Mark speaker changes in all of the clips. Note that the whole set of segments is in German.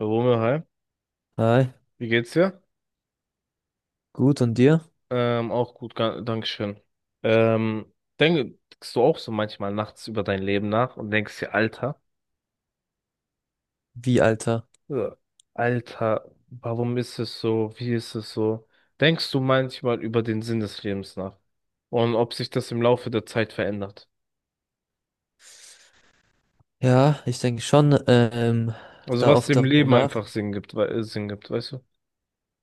Speaker 1: Romeo, hi.
Speaker 2: Hi,
Speaker 1: Wie geht's dir?
Speaker 2: gut und dir?
Speaker 1: Auch gut, Dankeschön. Ähm, denkst du auch so manchmal nachts über dein Leben nach und denkst dir, Alter,
Speaker 2: Wie, Alter?
Speaker 1: ja, Alter, warum ist es so? Wie ist es so? Denkst du manchmal über den Sinn des Lebens nach und ob sich das im Laufe der Zeit verändert?
Speaker 2: Ja, ich denke schon,
Speaker 1: Also
Speaker 2: da
Speaker 1: was
Speaker 2: oft
Speaker 1: dem
Speaker 2: darüber
Speaker 1: Leben einfach
Speaker 2: nach.
Speaker 1: Sinn gibt, Sinn gibt, weißt du?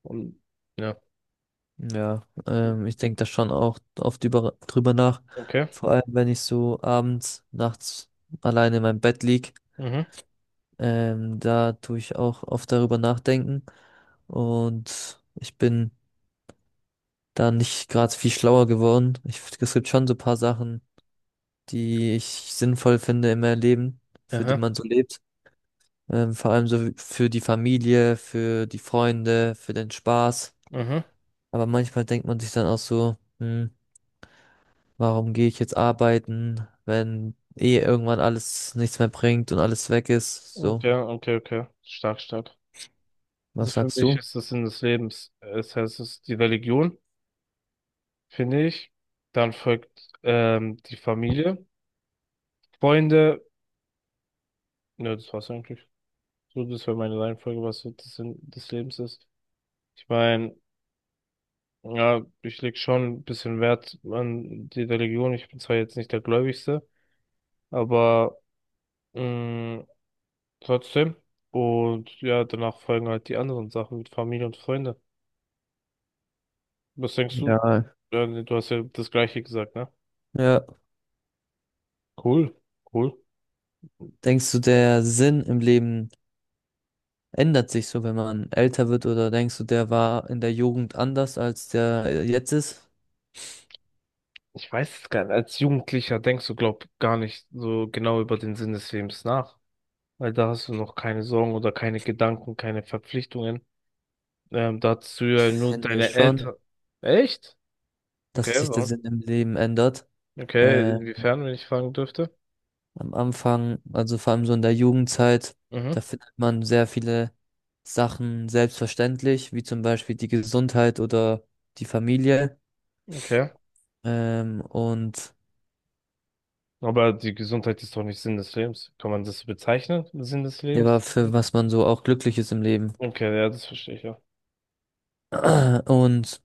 Speaker 1: Und ja,
Speaker 2: Ja, ich denke da schon auch oft drüber nach.
Speaker 1: okay.
Speaker 2: Vor allem, wenn ich so abends, nachts alleine in meinem Bett lieg,
Speaker 1: Mhm.
Speaker 2: da tue ich auch oft darüber nachdenken. Und ich bin da nicht gerade viel schlauer geworden. Ich, es gibt schon so ein paar Sachen, die ich sinnvoll finde in meinem Leben, für die
Speaker 1: Aha.
Speaker 2: man so lebt. Vor allem so für die Familie, für die Freunde, für den Spaß.
Speaker 1: Mhm.
Speaker 2: Aber manchmal denkt man sich dann auch so, hm, warum gehe ich jetzt arbeiten, wenn eh irgendwann alles nichts mehr bringt und alles weg ist? So,
Speaker 1: Okay, okay, okay. Stark, stark. Also
Speaker 2: was
Speaker 1: für
Speaker 2: sagst
Speaker 1: mich
Speaker 2: du?
Speaker 1: ist das Sinn des Lebens. Es heißt, es ist die Religion, finde ich. Dann folgt die Familie, Freunde. Ne, das war's eigentlich. So, das wäre meine Reihenfolge, was so das Sinn des Lebens ist. Ich meine, ja, ich leg schon ein bisschen Wert an die Religion. Ich bin zwar jetzt nicht der Gläubigste, aber mh, trotzdem. Und ja, danach folgen halt die anderen Sachen mit Familie und Freunde. Was denkst du?
Speaker 2: Ja,
Speaker 1: Du hast ja das Gleiche gesagt, ne?
Speaker 2: ja,
Speaker 1: Cool, cool.
Speaker 2: denkst du, der Sinn im Leben ändert sich so, wenn man älter wird, oder denkst du, der war in der Jugend anders, als der jetzt ist?
Speaker 1: Ich weiß es gar nicht. Als Jugendlicher denkst du, glaub, gar nicht so genau über den Sinn des Lebens nach. Weil da hast du noch keine Sorgen oder keine Gedanken, keine Verpflichtungen. Da hast du ja nur
Speaker 2: Finde ich
Speaker 1: deine
Speaker 2: schon,
Speaker 1: Eltern. Echt? Okay,
Speaker 2: dass sich der
Speaker 1: warum?
Speaker 2: Sinn im Leben ändert.
Speaker 1: Okay,
Speaker 2: Äh,
Speaker 1: inwiefern, wenn ich fragen dürfte?
Speaker 2: Am Anfang, also vor allem so in der Jugendzeit,
Speaker 1: Mhm.
Speaker 2: da findet man sehr viele Sachen selbstverständlich, wie zum Beispiel die Gesundheit oder die Familie,
Speaker 1: Okay.
Speaker 2: und
Speaker 1: Aber die Gesundheit ist doch nicht Sinn des Lebens. Kann man das so bezeichnen? Sinn des
Speaker 2: ja,
Speaker 1: Lebens?
Speaker 2: für was man so auch glücklich ist im Leben.
Speaker 1: Okay, ja, das verstehe ich ja.
Speaker 2: Und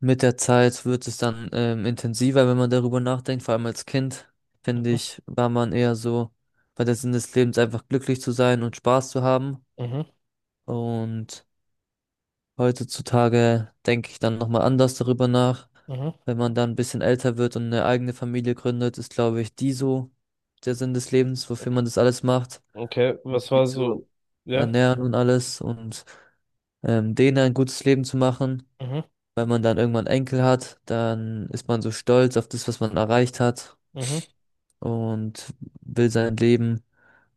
Speaker 2: mit der Zeit wird es dann intensiver, wenn man darüber nachdenkt. Vor allem als Kind, finde
Speaker 1: Mhm.
Speaker 2: ich, war man eher so bei der Sinn des Lebens einfach glücklich zu sein und Spaß zu haben.
Speaker 1: Mhm.
Speaker 2: Und heutzutage denke ich dann nochmal anders darüber nach.
Speaker 1: Mhm.
Speaker 2: Wenn man dann ein bisschen älter wird und eine eigene Familie gründet, ist, glaube ich, die so der Sinn des Lebens, wofür man das alles macht,
Speaker 1: Okay,
Speaker 2: um
Speaker 1: was
Speaker 2: die
Speaker 1: war so?
Speaker 2: zu
Speaker 1: Ja.
Speaker 2: ernähren und alles und denen ein gutes Leben zu machen.
Speaker 1: Mhm.
Speaker 2: Wenn man dann irgendwann Enkel hat, dann ist man so stolz auf das, was man erreicht hat
Speaker 1: Mhm.
Speaker 2: und will sein Leben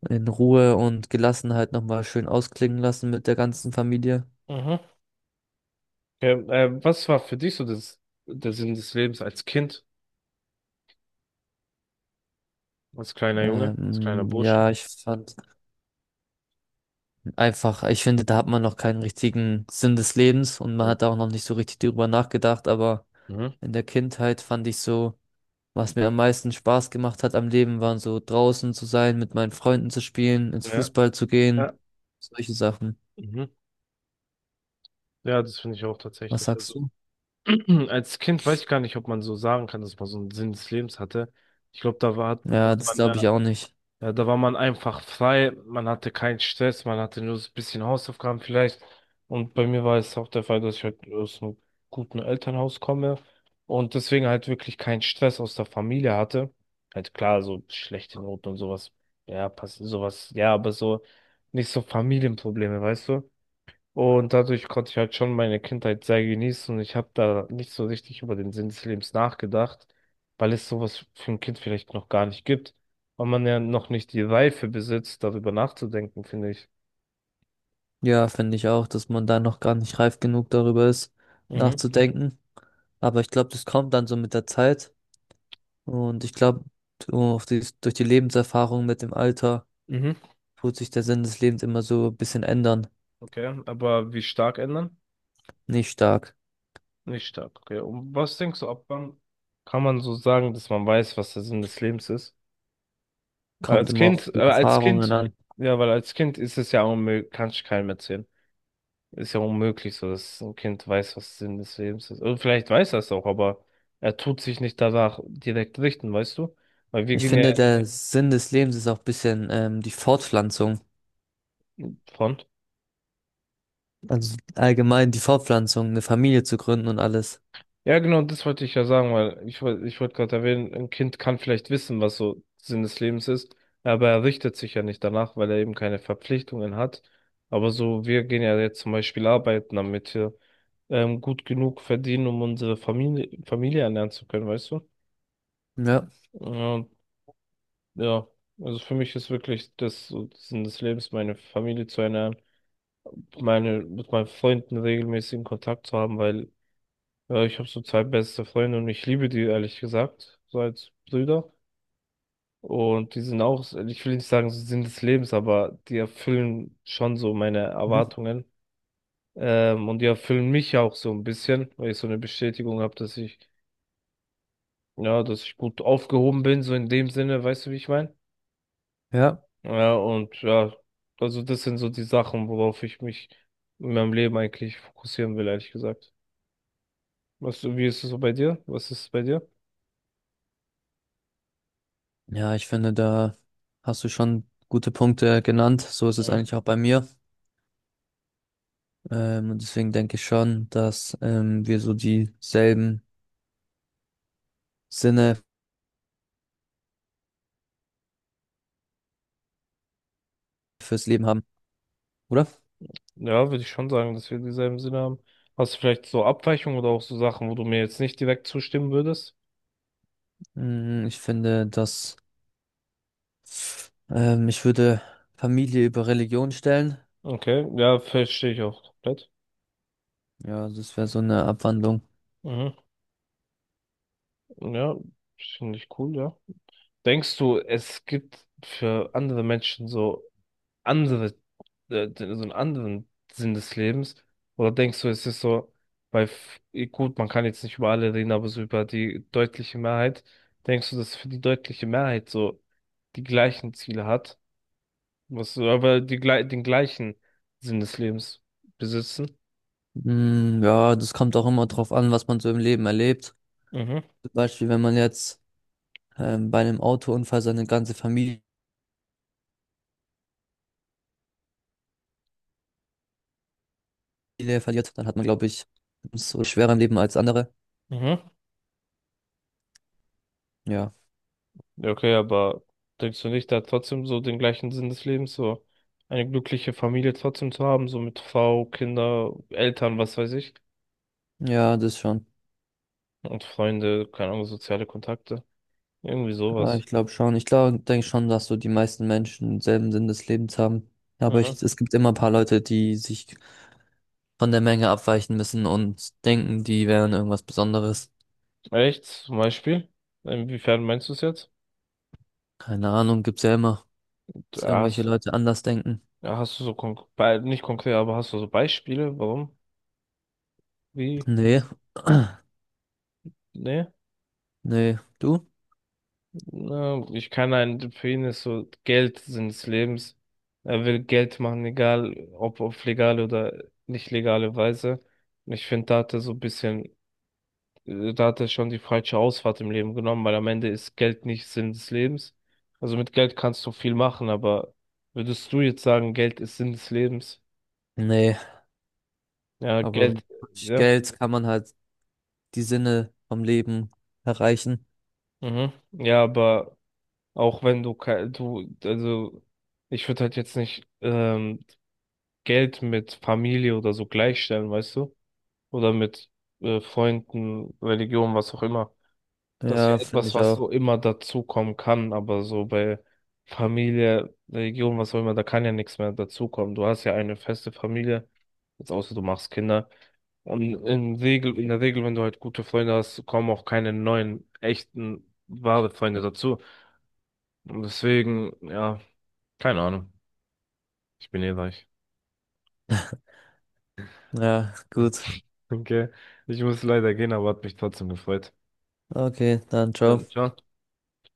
Speaker 2: in Ruhe und Gelassenheit nochmal schön ausklingen lassen mit der ganzen Familie.
Speaker 1: Mhm. Ja, was war für dich so das, der Sinn des Lebens als Kind, als kleiner Junge, als kleiner Bursche?
Speaker 2: Ja, ich fand einfach, ich finde, da hat man noch keinen richtigen Sinn des Lebens und man
Speaker 1: Ja.
Speaker 2: hat da auch noch nicht so richtig drüber nachgedacht, aber
Speaker 1: Mhm.
Speaker 2: in der Kindheit fand ich so, was mir am meisten Spaß gemacht hat am Leben, waren so draußen zu sein, mit meinen Freunden zu spielen, ins
Speaker 1: Ja,
Speaker 2: Fußball zu gehen,
Speaker 1: ja.
Speaker 2: solche Sachen.
Speaker 1: Mhm. Ja, das finde ich auch
Speaker 2: Was
Speaker 1: tatsächlich. Also,
Speaker 2: sagst du?
Speaker 1: als Kind weiß ich gar nicht, ob man so sagen kann, dass man so einen Sinn des Lebens hatte. Ich glaube, da war, hat
Speaker 2: Ja, das
Speaker 1: man
Speaker 2: glaube ich
Speaker 1: ja
Speaker 2: auch nicht.
Speaker 1: Ja, da war man einfach frei, man hatte keinen Stress, man hatte nur so ein bisschen Hausaufgaben vielleicht. Und bei mir war es auch der Fall, dass ich halt aus einem guten Elternhaus komme und deswegen halt wirklich keinen Stress aus der Familie hatte. Halt klar, so schlechte Noten und sowas, ja, passiert sowas, ja, aber so nicht so Familienprobleme, weißt du? Und dadurch konnte ich halt schon meine Kindheit sehr genießen und ich habe da nicht so richtig über den Sinn des Lebens nachgedacht, weil es sowas für ein Kind vielleicht noch gar nicht gibt und man ja noch nicht die Reife besitzt, darüber nachzudenken, finde ich.
Speaker 2: Ja, finde ich auch, dass man da noch gar nicht reif genug darüber ist,
Speaker 1: Mhm.
Speaker 2: nachzudenken. Aber ich glaube, das kommt dann so mit der Zeit und ich glaube, durch die Lebenserfahrung mit dem Alter
Speaker 1: Mhm.
Speaker 2: tut sich der Sinn des Lebens immer so ein bisschen ändern.
Speaker 1: Okay, aber wie stark ändern?
Speaker 2: Nicht stark.
Speaker 1: Nicht stark, okay. Und was denkst du, ab wann kann man so sagen, dass man weiß, was der Sinn des Lebens ist? Weil
Speaker 2: Kommt
Speaker 1: als
Speaker 2: immer auf
Speaker 1: Kind, äh,
Speaker 2: die
Speaker 1: als
Speaker 2: Erfahrungen
Speaker 1: Kind,
Speaker 2: an.
Speaker 1: ja, weil als Kind ist es ja unmöglich, kannst du keinem erzählen. Ist ja unmöglich so, dass ein Kind weiß, was Sinn des Lebens ist. Oder vielleicht weiß er es auch, aber er tut sich nicht danach direkt richten, weißt du? Weil wir
Speaker 2: Ich
Speaker 1: gehen ja
Speaker 2: finde, der Sinn des Lebens ist auch ein bisschen die Fortpflanzung.
Speaker 1: von.
Speaker 2: Also allgemein die Fortpflanzung, eine Familie zu gründen und alles.
Speaker 1: Ja, genau, das wollte ich ja sagen, weil ich wollte gerade erwähnen, ein Kind kann vielleicht wissen, was so Sinn des Lebens ist, aber er richtet sich ja nicht danach, weil er eben keine Verpflichtungen hat. Aber so, wir gehen ja jetzt zum Beispiel arbeiten, damit wir gut genug verdienen, um unsere Familie ernähren zu können, weißt du?
Speaker 2: Ja.
Speaker 1: Ja, ja, also für mich ist wirklich das so das Sinn des Lebens, meine Familie zu ernähren, meine, mit meinen Freunden regelmäßigen Kontakt zu haben, weil ja, ich habe so zwei beste Freunde und ich liebe die, ehrlich gesagt, so als Brüder. Und die sind auch, ich will nicht sagen, so Sinn des Lebens, aber die erfüllen schon so meine
Speaker 2: Mhm.
Speaker 1: Erwartungen. Und die erfüllen mich auch so ein bisschen, weil ich so eine Bestätigung habe, ja, dass ich gut aufgehoben bin, so in dem Sinne, weißt du, wie ich meine?
Speaker 2: Ja.
Speaker 1: Ja, und ja, also das sind so die Sachen, worauf ich mich in meinem Leben eigentlich fokussieren will, ehrlich gesagt. Was, wie ist es so bei dir? Was ist es bei dir?
Speaker 2: Ja, ich finde, da hast du schon gute Punkte genannt. So ist es
Speaker 1: Mhm.
Speaker 2: eigentlich auch bei mir. Und deswegen denke ich schon, dass wir so dieselben Sinne fürs Leben haben, oder?
Speaker 1: Ja, würde ich schon sagen, dass wir dieselben Sinne haben. Hast du vielleicht so Abweichungen oder auch so Sachen, wo du mir jetzt nicht direkt zustimmen würdest?
Speaker 2: Mm, ich finde, dass ich würde Familie über Religion stellen.
Speaker 1: Okay, ja, verstehe ich auch komplett.
Speaker 2: Ja, das wäre so eine Abwandlung.
Speaker 1: Mhm. Ja, finde ich cool, ja. Denkst du, es gibt für andere Menschen so andere, so einen anderen Sinn des Lebens? Oder denkst du, es ist so, bei, f- gut, man kann jetzt nicht über alle reden, aber so über die deutliche Mehrheit, denkst du, dass für die deutliche Mehrheit so die gleichen Ziele hat? Was, so, aber den gleichen Sinn des Lebens besitzen?
Speaker 2: Mm, ja, das kommt auch immer drauf an, was man so im Leben erlebt.
Speaker 1: Mhm,
Speaker 2: Zum Beispiel, wenn man jetzt bei einem Autounfall seine ganze Familie verliert, dann hat man, glaube ich, so schwerer im Leben als andere.
Speaker 1: mhm.
Speaker 2: Ja,
Speaker 1: Ja, okay, aber denkst du nicht, da trotzdem so den gleichen Sinn des Lebens, so eine glückliche Familie trotzdem zu haben, so mit Frau, Kinder, Eltern, was weiß ich?
Speaker 2: ja, das schon.
Speaker 1: Und Freunde, keine Ahnung, soziale Kontakte. Irgendwie
Speaker 2: Ja,
Speaker 1: sowas.
Speaker 2: ich glaube schon. Ich glaube, denke schon, dass so die meisten Menschen denselben Sinn des Lebens haben. Aber
Speaker 1: Mhm.
Speaker 2: ich, es gibt immer ein paar Leute, die sich von der Menge abweichen müssen und denken, die wären irgendwas Besonderes.
Speaker 1: Echt? Zum Beispiel? Inwiefern meinst du es jetzt?
Speaker 2: Keine Ahnung, gibt's ja immer, dass
Speaker 1: Ja,
Speaker 2: irgendwelche Leute anders denken.
Speaker 1: Ja, hast du so nicht konkret, aber hast du so Beispiele? Warum? Wie?
Speaker 2: Nee.
Speaker 1: Ne?
Speaker 2: Nee. Du?
Speaker 1: Na, ich kann einen, für ihn ist so Geld Sinn des Lebens. Er will Geld machen, egal ob auf legale oder nicht legale Weise. Und ich finde, da hat er so ein bisschen da hat er schon die falsche Ausfahrt im Leben genommen, weil am Ende ist Geld nicht Sinn des Lebens. Also mit Geld kannst du viel machen, aber würdest du jetzt sagen, Geld ist Sinn des Lebens?
Speaker 2: Nee.
Speaker 1: Ja,
Speaker 2: Aber mit
Speaker 1: Geld, ja,
Speaker 2: Geld kann man halt die Sinne vom Leben erreichen.
Speaker 1: mhm. Ja, aber auch wenn du, kei- du, also ich würde halt jetzt nicht Geld mit Familie oder so gleichstellen, weißt du? Oder mit Freunden, Religion, was auch immer. Das ist ja
Speaker 2: Ja, finde
Speaker 1: etwas,
Speaker 2: ich
Speaker 1: was
Speaker 2: auch.
Speaker 1: so immer dazukommen kann, aber so bei Familie, Religion, was auch immer, da kann ja nichts mehr dazukommen. Du hast ja eine feste Familie, jetzt außer du machst Kinder. Und in der Regel, wenn du halt gute Freunde hast, kommen auch keine neuen, echten, wahre Freunde dazu. Und deswegen, ja, keine Ahnung. Ich bin eh reich.
Speaker 2: Ja, gut.
Speaker 1: Okay, ich muss leider gehen, aber hat mich trotzdem gefreut.
Speaker 2: Okay, dann ciao.
Speaker 1: Dann, ciao.